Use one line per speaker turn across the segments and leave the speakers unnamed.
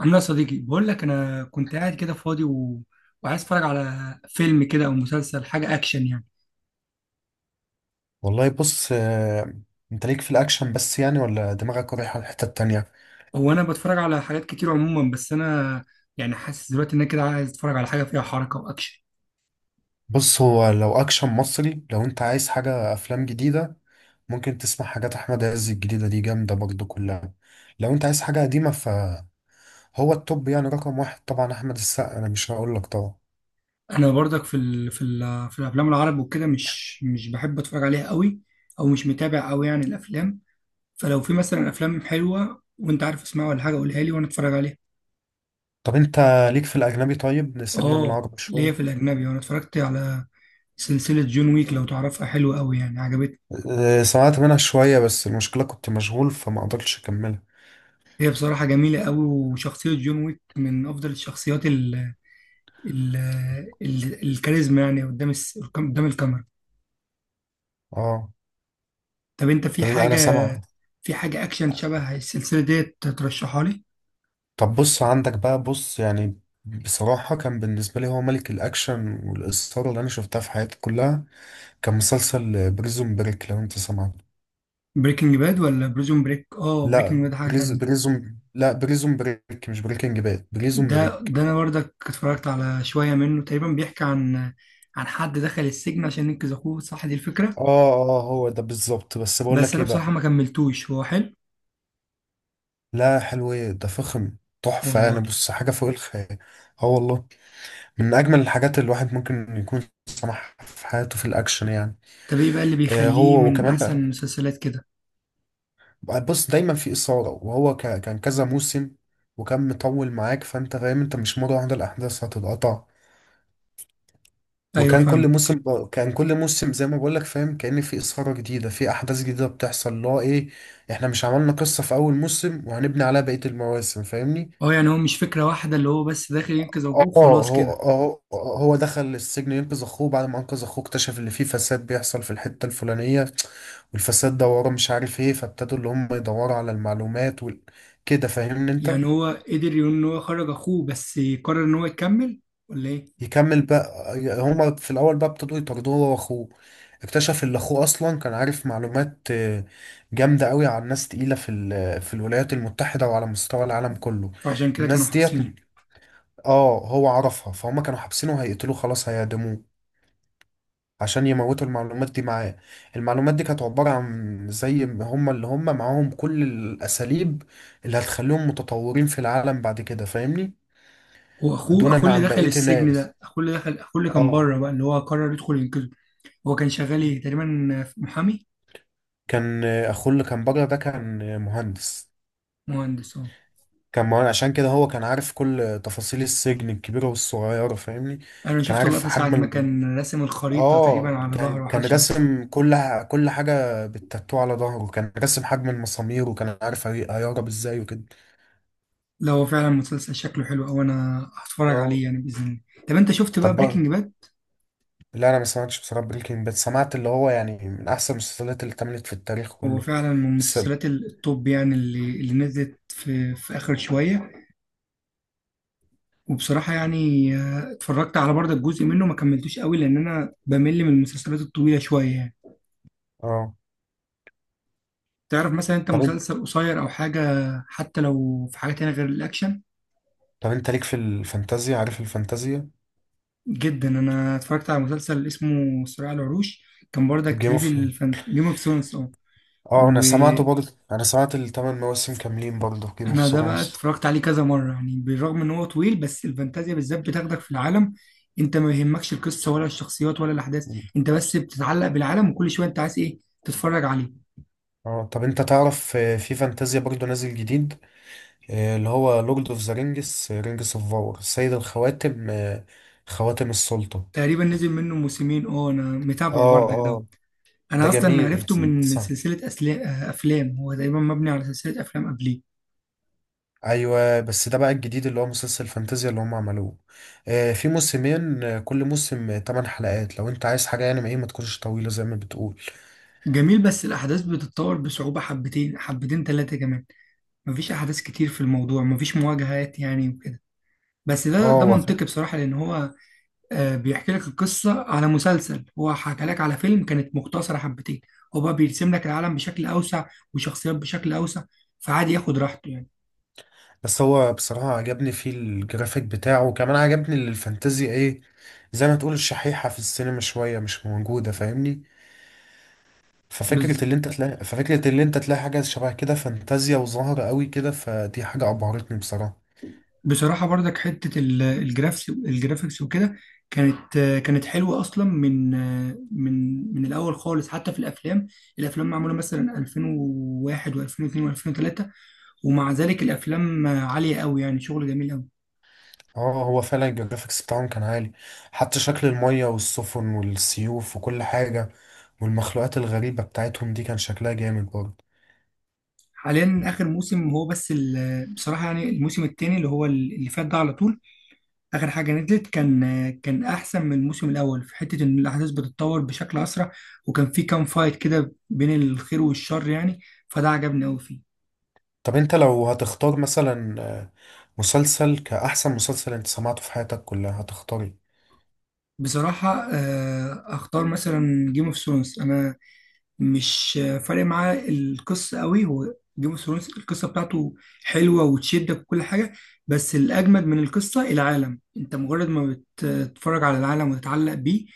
عامل ايه يا صديقي، بقول لك انا كنت قاعد كده فاضي وعايز اتفرج على فيلم كده او مسلسل، حاجه اكشن يعني.
والله بص آه، انت ليك في الاكشن بس يعني ولا دماغك رايحه الحته التانية؟
هو انا بتفرج على حاجات كتير عموما، بس انا يعني حاسس دلوقتي ان انا كده عايز اتفرج على حاجه فيها حركه واكشن.
بص، هو لو اكشن مصري، لو انت عايز حاجه افلام جديده، ممكن تسمع حاجات احمد عز الجديده دي، جامده برضه كلها. لو انت عايز حاجه قديمه فهو التوب يعني، رقم واحد طبعا احمد السقا، انا مش هقول لك طبعا.
انا برضك في الافلام العرب وكده مش بحب اتفرج عليها قوي، او مش متابع قوي يعني الافلام. فلو في مثلا افلام حلوه وانت عارف اسمها ولا حاجه قولها لي وانا اتفرج عليها.
طب انت ليك في الاجنبي؟ طيب نسيبنا من
اه،
العربي
ليا في
شويه.
الاجنبي، وانا اتفرجت على سلسله جون ويك، لو تعرفها حلوه قوي يعني، عجبتني.
آه، سمعت منها شويه بس المشكله كنت مشغول فما قدرتش اكملها.
هي بصراحة جميلة قوي، وشخصية جون ويك من أفضل الشخصيات ال ال ال الكاريزما يعني قدام قدام الكاميرا.
اه،
طب أنت في
طب انا
حاجة،
سامع.
في حاجة أكشن شبه السلسلة ديت ترشحها لي؟
طب بص، عندك بقى، بص يعني، بصراحة كان بالنسبة لي هو ملك الأكشن والإثارة اللي أنا شفتها في حياتي كلها. كان مسلسل بريزون بريك، لو أنت سمعت.
بريكنج باد ولا بريزون بريك؟ آه، بريكنج
لا
باد حاجة تانية.
بريزون، لا بريزون بريك، مش بريكنج باد، بريزون
ده
بريك.
ده أنا برضك اتفرجت على شوية منه، تقريبا بيحكي عن عن حد دخل السجن عشان ينقذ أخوه، صح دي الفكرة؟
آه آه، هو ده بالظبط، بس بقول
بس
لك
أنا
إيه
بصراحة
بقى.
ما كملتوش، هو حلو.
لا، حلو إيه ده، فخم، تحفة يعني.
والله.
بص، حاجة فوق الخيال. آه والله. من أجمل الحاجات اللي الواحد ممكن يكون سمعها في حياته في الأكشن يعني.
طب إيه بقى اللي
آه،
بيخليه
هو
من
وكمان
أحسن
بقى،
المسلسلات كده؟
بص دايما في إثارة. وهو كان كذا موسم، وكان مطول معاك، فأنت فاهم أنت مش مرة واحدة الأحداث هتتقطع.
أيوه
وكان كل
فاهم.
موسم كان كل موسم زي ما بقولك، فاهم، كأن في إثارة جديدة، في أحداث جديدة بتحصل، اللي هو إيه، إحنا مش عملنا قصة في أول موسم وهنبني عليها بقية المواسم، فاهمني؟
اه يعني هو مش فكرة واحدة اللي هو بس داخل ينقذ
اه،
أبوه وخلاص
هو
كده؟
هو هو دخل السجن ينقذ اخوه. بعد ما انقذ اخوه اكتشف ان في فساد بيحصل في الحتة الفلانية، والفساد ده وراه مش عارف ايه، فابتدوا اللي هم يدوروا على المعلومات كده، فاهمني انت.
يعني هو قدر يقول إن هو خرج أخوه بس قرر إن هو يكمل ولا إيه؟
يكمل بقى. هما في الاول بقى ابتدوا يطاردوه هو واخوه، اكتشف ان اخوه اصلا كان عارف معلومات جامده قوي عن ناس تقيله في الولايات المتحده وعلى مستوى العالم كله.
فعشان كده كانوا
الناس ديت،
حابسينه.
اه، هو عرفها، فهم كانوا حابسينه، هيقتلوه، خلاص هيعدموه عشان يموتوا المعلومات دي معاه. المعلومات دي كانت عبارة عن زي ما هم اللي هم معاهم كل الأساليب اللي هتخليهم متطورين في العالم بعد كده، فاهمني.
هو أخوه،
دونا
أخوه اللي
عن
دخل
بقية
السجن
الناس.
ده، أخوه اللي دخل، أخوه اللي كان
اه.
بره بقى اللي هو قرر يدخل ينقذه؟ هو كان شغال إيه تقريبا، في محامي؟
كان اخوه اللي كان بره ده كان مهندس.
مهندس، أه.
كان مهندس عشان كده هو كان عارف كل تفاصيل السجن الكبيرة والصغيرة، فاهمني.
أنا
كان
شفت
عارف
اللقطة ساعة
حجم
ما
ال...
كان راسم الخريطة تقريبا
اه،
على
كان
ظهره أو حاجة
كان
شبه كده.
راسم كل حاجة بالتاتو على ظهره، كان راسم حجم المسامير، وكان عارف هيهرب ازاي وكده.
لا هو فعلا مسلسل شكله حلو أوي، أنا هتفرج
اه،
عليه يعني بإذن الله. طب أنت شفت
طب
بقى
بقى.
بريكنج باد؟
لا، انا ما سمعتش بصراحة بريكنج باد، سمعت اللي هو يعني من احسن المسلسلات اللي اتعملت في التاريخ
هو
كله،
فعلا من
بس.
مسلسلات التوب يعني، اللي, اللي نزلت في, في آخر شوية. وبصراحة يعني اتفرجت على برضه جزء منه، ما كملتوش قوي لأن أنا بمل من المسلسلات الطويلة شوية يعني.
اه،
تعرف مثلا أنت
طب انت.
مسلسل قصير أو حاجة، حتى لو في حاجة تانية غير الأكشن.
طب انت ليك في الفانتازيا؟ عارف الفانتازيا.
جدا، أنا اتفرجت على مسلسل اسمه صراع العروش، كان برضك
جيم
ليه في
اوف.
جيم اوف ثرونز. اه،
اه، انا سمعته برضه، انا سمعت الثمان مواسم كاملين برضه في جيم اوف
انا ده بقى
ثرونز.
اتفرجت عليه كذا مره يعني، بالرغم ان هو طويل، بس الفانتازيا بالذات بتاخدك في العالم. انت ما يهمكش القصه ولا الشخصيات ولا الاحداث، انت بس بتتعلق بالعالم، وكل شويه انت عايز ايه تتفرج عليه.
اه، طب انت تعرف في فانتازيا برضه نازل جديد؟ اللي هو لورد اوف ذا رينجز، رينجز اوف باور، سيد الخواتم، خواتم السلطة.
تقريبا نزل منه موسمين، اه انا متابعه
اه
برضك دوت.
اه،
انا
ده
اصلا
جميل.
عرفته من من
صح.
سلسله أسلا- آه، افلام، هو تقريبا مبني على سلسله افلام قبليه.
ايوه، بس ده بقى الجديد اللي هو مسلسل فانتازيا اللي هم عملوه. آه، في موسمين، كل موسم 8 حلقات، لو انت عايز حاجة يعني ما ايه ما تكونش طويلة زي ما بتقول.
جميل، بس الاحداث بتتطور بصعوبه حبتين، حبتين ثلاثه كمان. مفيش احداث كتير في الموضوع، مفيش مواجهات يعني وكده. بس ده
اه،
منطقي بصراحه، لان هو بيحكي لك القصة على مسلسل، هو حكى لك على فيلم كانت مختصرة حبتين. هو بقى بيرسم لك العالم بشكل أوسع، وشخصيات بشكل أوسع، فعادي ياخد راحته يعني.
بس هو بصراحة عجبني فيه الجرافيك بتاعه، وكمان عجبني اللي الفانتازي، ايه، زي ما تقول الشحيحة في السينما شوية مش موجودة، فاهمني.
بز...
ففكرة اللي انت تلاقي حاجة شبه كده فانتازيا وظاهرة قوي كده، فدي حاجة أبهرتني بصراحة.
بصراحة برضك حتة ال- الجرافس الجرافيكس وكده كانت كانت حلوة أصلا من من الأول خالص، حتى في الأفلام. الأفلام معمولة مثلا 2001 و2002 و2003، ومع ذلك الأفلام عالية أوي يعني، شغل جميل أوي.
اه، هو فعلا الجرافيكس بتاعهم كان عالي، حتى شكل المية والسفن والسيوف وكل حاجة، والمخلوقات الغريبة بتاعتهم دي كان شكلها جامد برضه.
حاليا اخر موسم هو بس بصراحه يعني الموسم الثاني اللي هو اللي فات ده، على طول اخر حاجه نزلت، كان كان احسن من الموسم الاول في حته ان الاحداث بتتطور بشكل اسرع، وكان في كام فايت كده بين الخير والشر يعني، فده عجبني قوي فيه.
طب انت لو هتختار مثلا مسلسل كأحسن مسلسل انت سمعته في حياتك كلها، هتختار ايه؟
بصراحه اختار مثلا جيم اوف ثرونز، انا مش فارق معايا القصه قوي، هو جيم اوف ثرونز القصه بتاعته حلوه وتشدك وكل حاجه، بس الاجمد من القصه العالم. انت مجرد ما تتفرج على العالم وتتعلق بيه،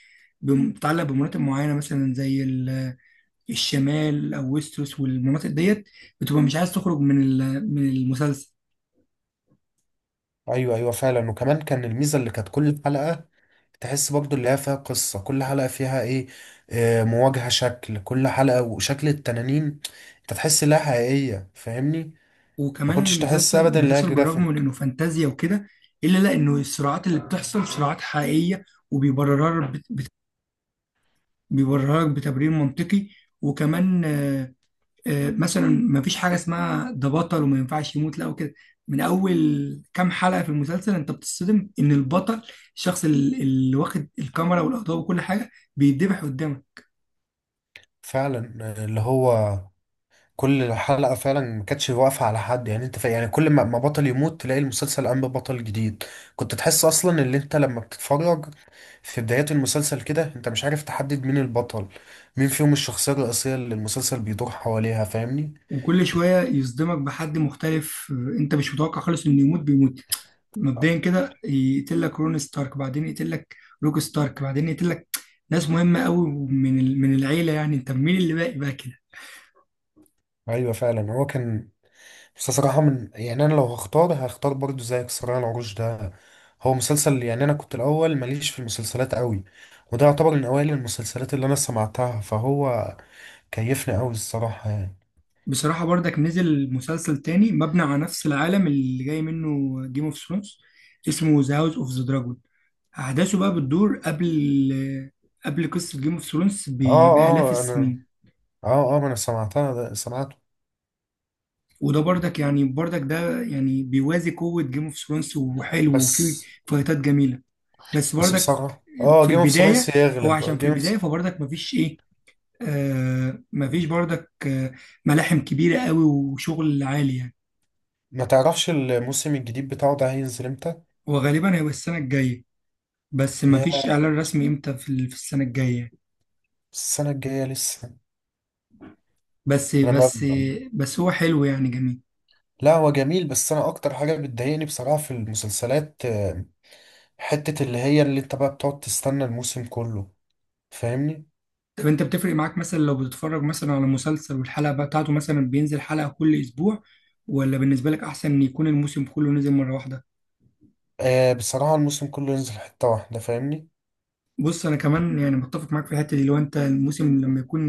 بتتعلق بمناطق معينة مثلا زي الشمال أو ويستروس والمناطق ديت، بتبقى مش عايز تخرج من من المسلسل.
ايوه ايوه، فعلا. وكمان كان الميزه اللي كانت كل حلقه تحس برضو اللي هي فيها قصه، كل حلقه فيها ايه، مواجهه، شكل كل حلقه وشكل التنانين، انت تحس انها حقيقيه، فاهمني. ما
وكمان
كنتش تحس
المسلسل،
ابدا ان هي
بالرغم من
جرافيك.
إنه فانتازيا وكده، إلا لا إنه الصراعات اللي بتحصل صراعات حقيقية، وبيبررها بيبررها بتبرير منطقي. وكمان مثلا ما فيش حاجه اسمها ده بطل وما ينفعش يموت لا وكده. من اول كام حلقه في المسلسل انت بتصدم ان البطل، الشخص اللي واخد الكاميرا والاضواء وكل حاجه بيتذبح قدامك.
فعلا، اللي هو كل حلقه فعلا ما كانتش واقفه على حد، يعني يعني كل ما بطل يموت تلاقي المسلسل قام ببطل جديد. كنت تحس اصلا ان انت لما بتتفرج في بدايات المسلسل كده انت مش عارف تحدد مين البطل، مين فيهم الشخصية الرئيسية اللي المسلسل بيدور حواليها، فاهمني.
وكل شويه يصدمك بحد مختلف انت مش متوقع خالص انه يموت بيموت. مبدئيا كده يقتل لك رون ستارك، بعدين يقتل لك روك ستارك، بعدين يقتل لك ناس مهمه قوي من من العيله، يعني انت مين اللي باقي بقى كده.
ايوه فعلا، هو كان. بس صراحة، يعني انا لو هختار برضو زيك صراع العروش ده. هو مسلسل يعني، انا كنت الاول ماليش في المسلسلات قوي، وده يعتبر من اوائل المسلسلات اللي انا سمعتها، فهو كيفني قوي الصراحة يعني.
بصراحة برضك نزل مسلسل تاني مبني على نفس العالم اللي جاي منه جيم اوف ثرونز، اسمه ذا هاوس اوف ذا دراجون. أحداثه بقى بتدور قبل، قبل قصة جيم اوف ثرونز
اه
بآلاف
اه
السنين.
اه اه، ما انا سمعتها، ده سمعته.
وده برضك يعني، برضك ده يعني بيوازي قوة جيم اوف ثرونز، وحلو
بس
وفيه فايتات جميلة، بس
بس
برضك
بصراحة،
في
جيم اوف ثرونز
البداية، هو
يغلب
عشان في
جيم
البداية
اوف.
فبرضك مفيش إيه، آه مفيش برضك آه ملاحم كبيرة قوي وشغل عالي يعني.
ما تعرفش الموسم الجديد بتاعه ده هينزل امتى؟
هو غالبا هيبقى السنة الجاية، بس
يا،
مفيش اعلان رسمي امتى، في في السنه الجايه.
السنة الجاية لسه،
بس
انا ما...
بس بس هو حلو يعني جميل.
لا، هو جميل، بس انا اكتر حاجة بتضايقني بصراحة في المسلسلات حتة اللي هي اللي انت بقى بتقعد تستنى الموسم كله، فاهمني.
طب انت بتفرق معاك مثلا لو بتتفرج مثلا على مسلسل والحلقه بقى بتاعته مثلا بينزل حلقه كل اسبوع، ولا بالنسبه لك احسن ان يكون الموسم كله نزل مره واحده؟
آه، بصراحة الموسم كله ينزل حتة واحدة، فاهمني.
بص انا كمان يعني متفق معاك في الحته دي، لو انت الموسم لما يكون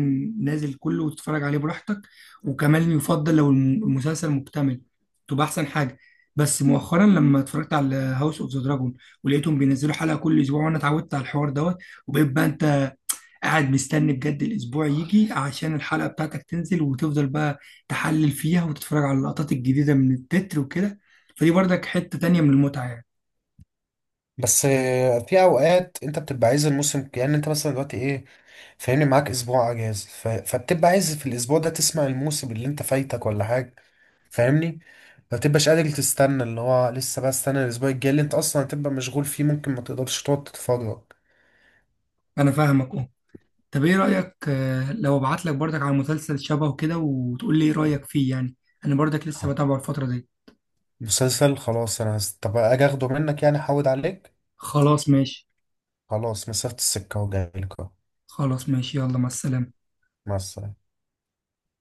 نازل كله وتتفرج عليه براحتك، وكمان يفضل لو المسلسل مكتمل تبقى احسن حاجه. بس مؤخرا لما اتفرجت على هاوس اوف ذا دراجون، ولقيتهم بينزلوا حلقه كل اسبوع، وانا اتعودت على الحوار دوت، وبقيت بقى انت قاعد مستني بجد الاسبوع يجي عشان الحلقه بتاعتك تنزل، وتفضل بقى تحلل فيها وتتفرج على اللقطات الجديده من التتر وكده، فدي برضك حته تانيه من المتعه يعني.
بس في اوقات انت بتبقى عايز الموسم، يعني انت مثلا دلوقتي ايه، فاهمني، معاك اسبوع اجازة فبتبقى عايز في الاسبوع ده تسمع الموسم اللي انت فايتك ولا حاجة، فاهمني، ما تبقاش قادر تستنى، اللي هو لسه بقى استنى الاسبوع الجاي اللي انت اصلا هتبقى مشغول فيه ممكن ما تقدرش تقعد تتفرج.
انا فاهمك. طب ايه رأيك لو ابعت لك برضك على مسلسل شبهه كده وتقول لي ايه رأيك فيه يعني، انا برضك لسه
خلاص.
بتابعه الفترة دي.
مسلسل خلاص، انا طب اجي اخده منك يعني، احود عليك.
خلاص ماشي.
خلاص، مسافة السكة وجايلك اهو.
خلاص ماشي، يلا مع السلامة.
مع السلامة.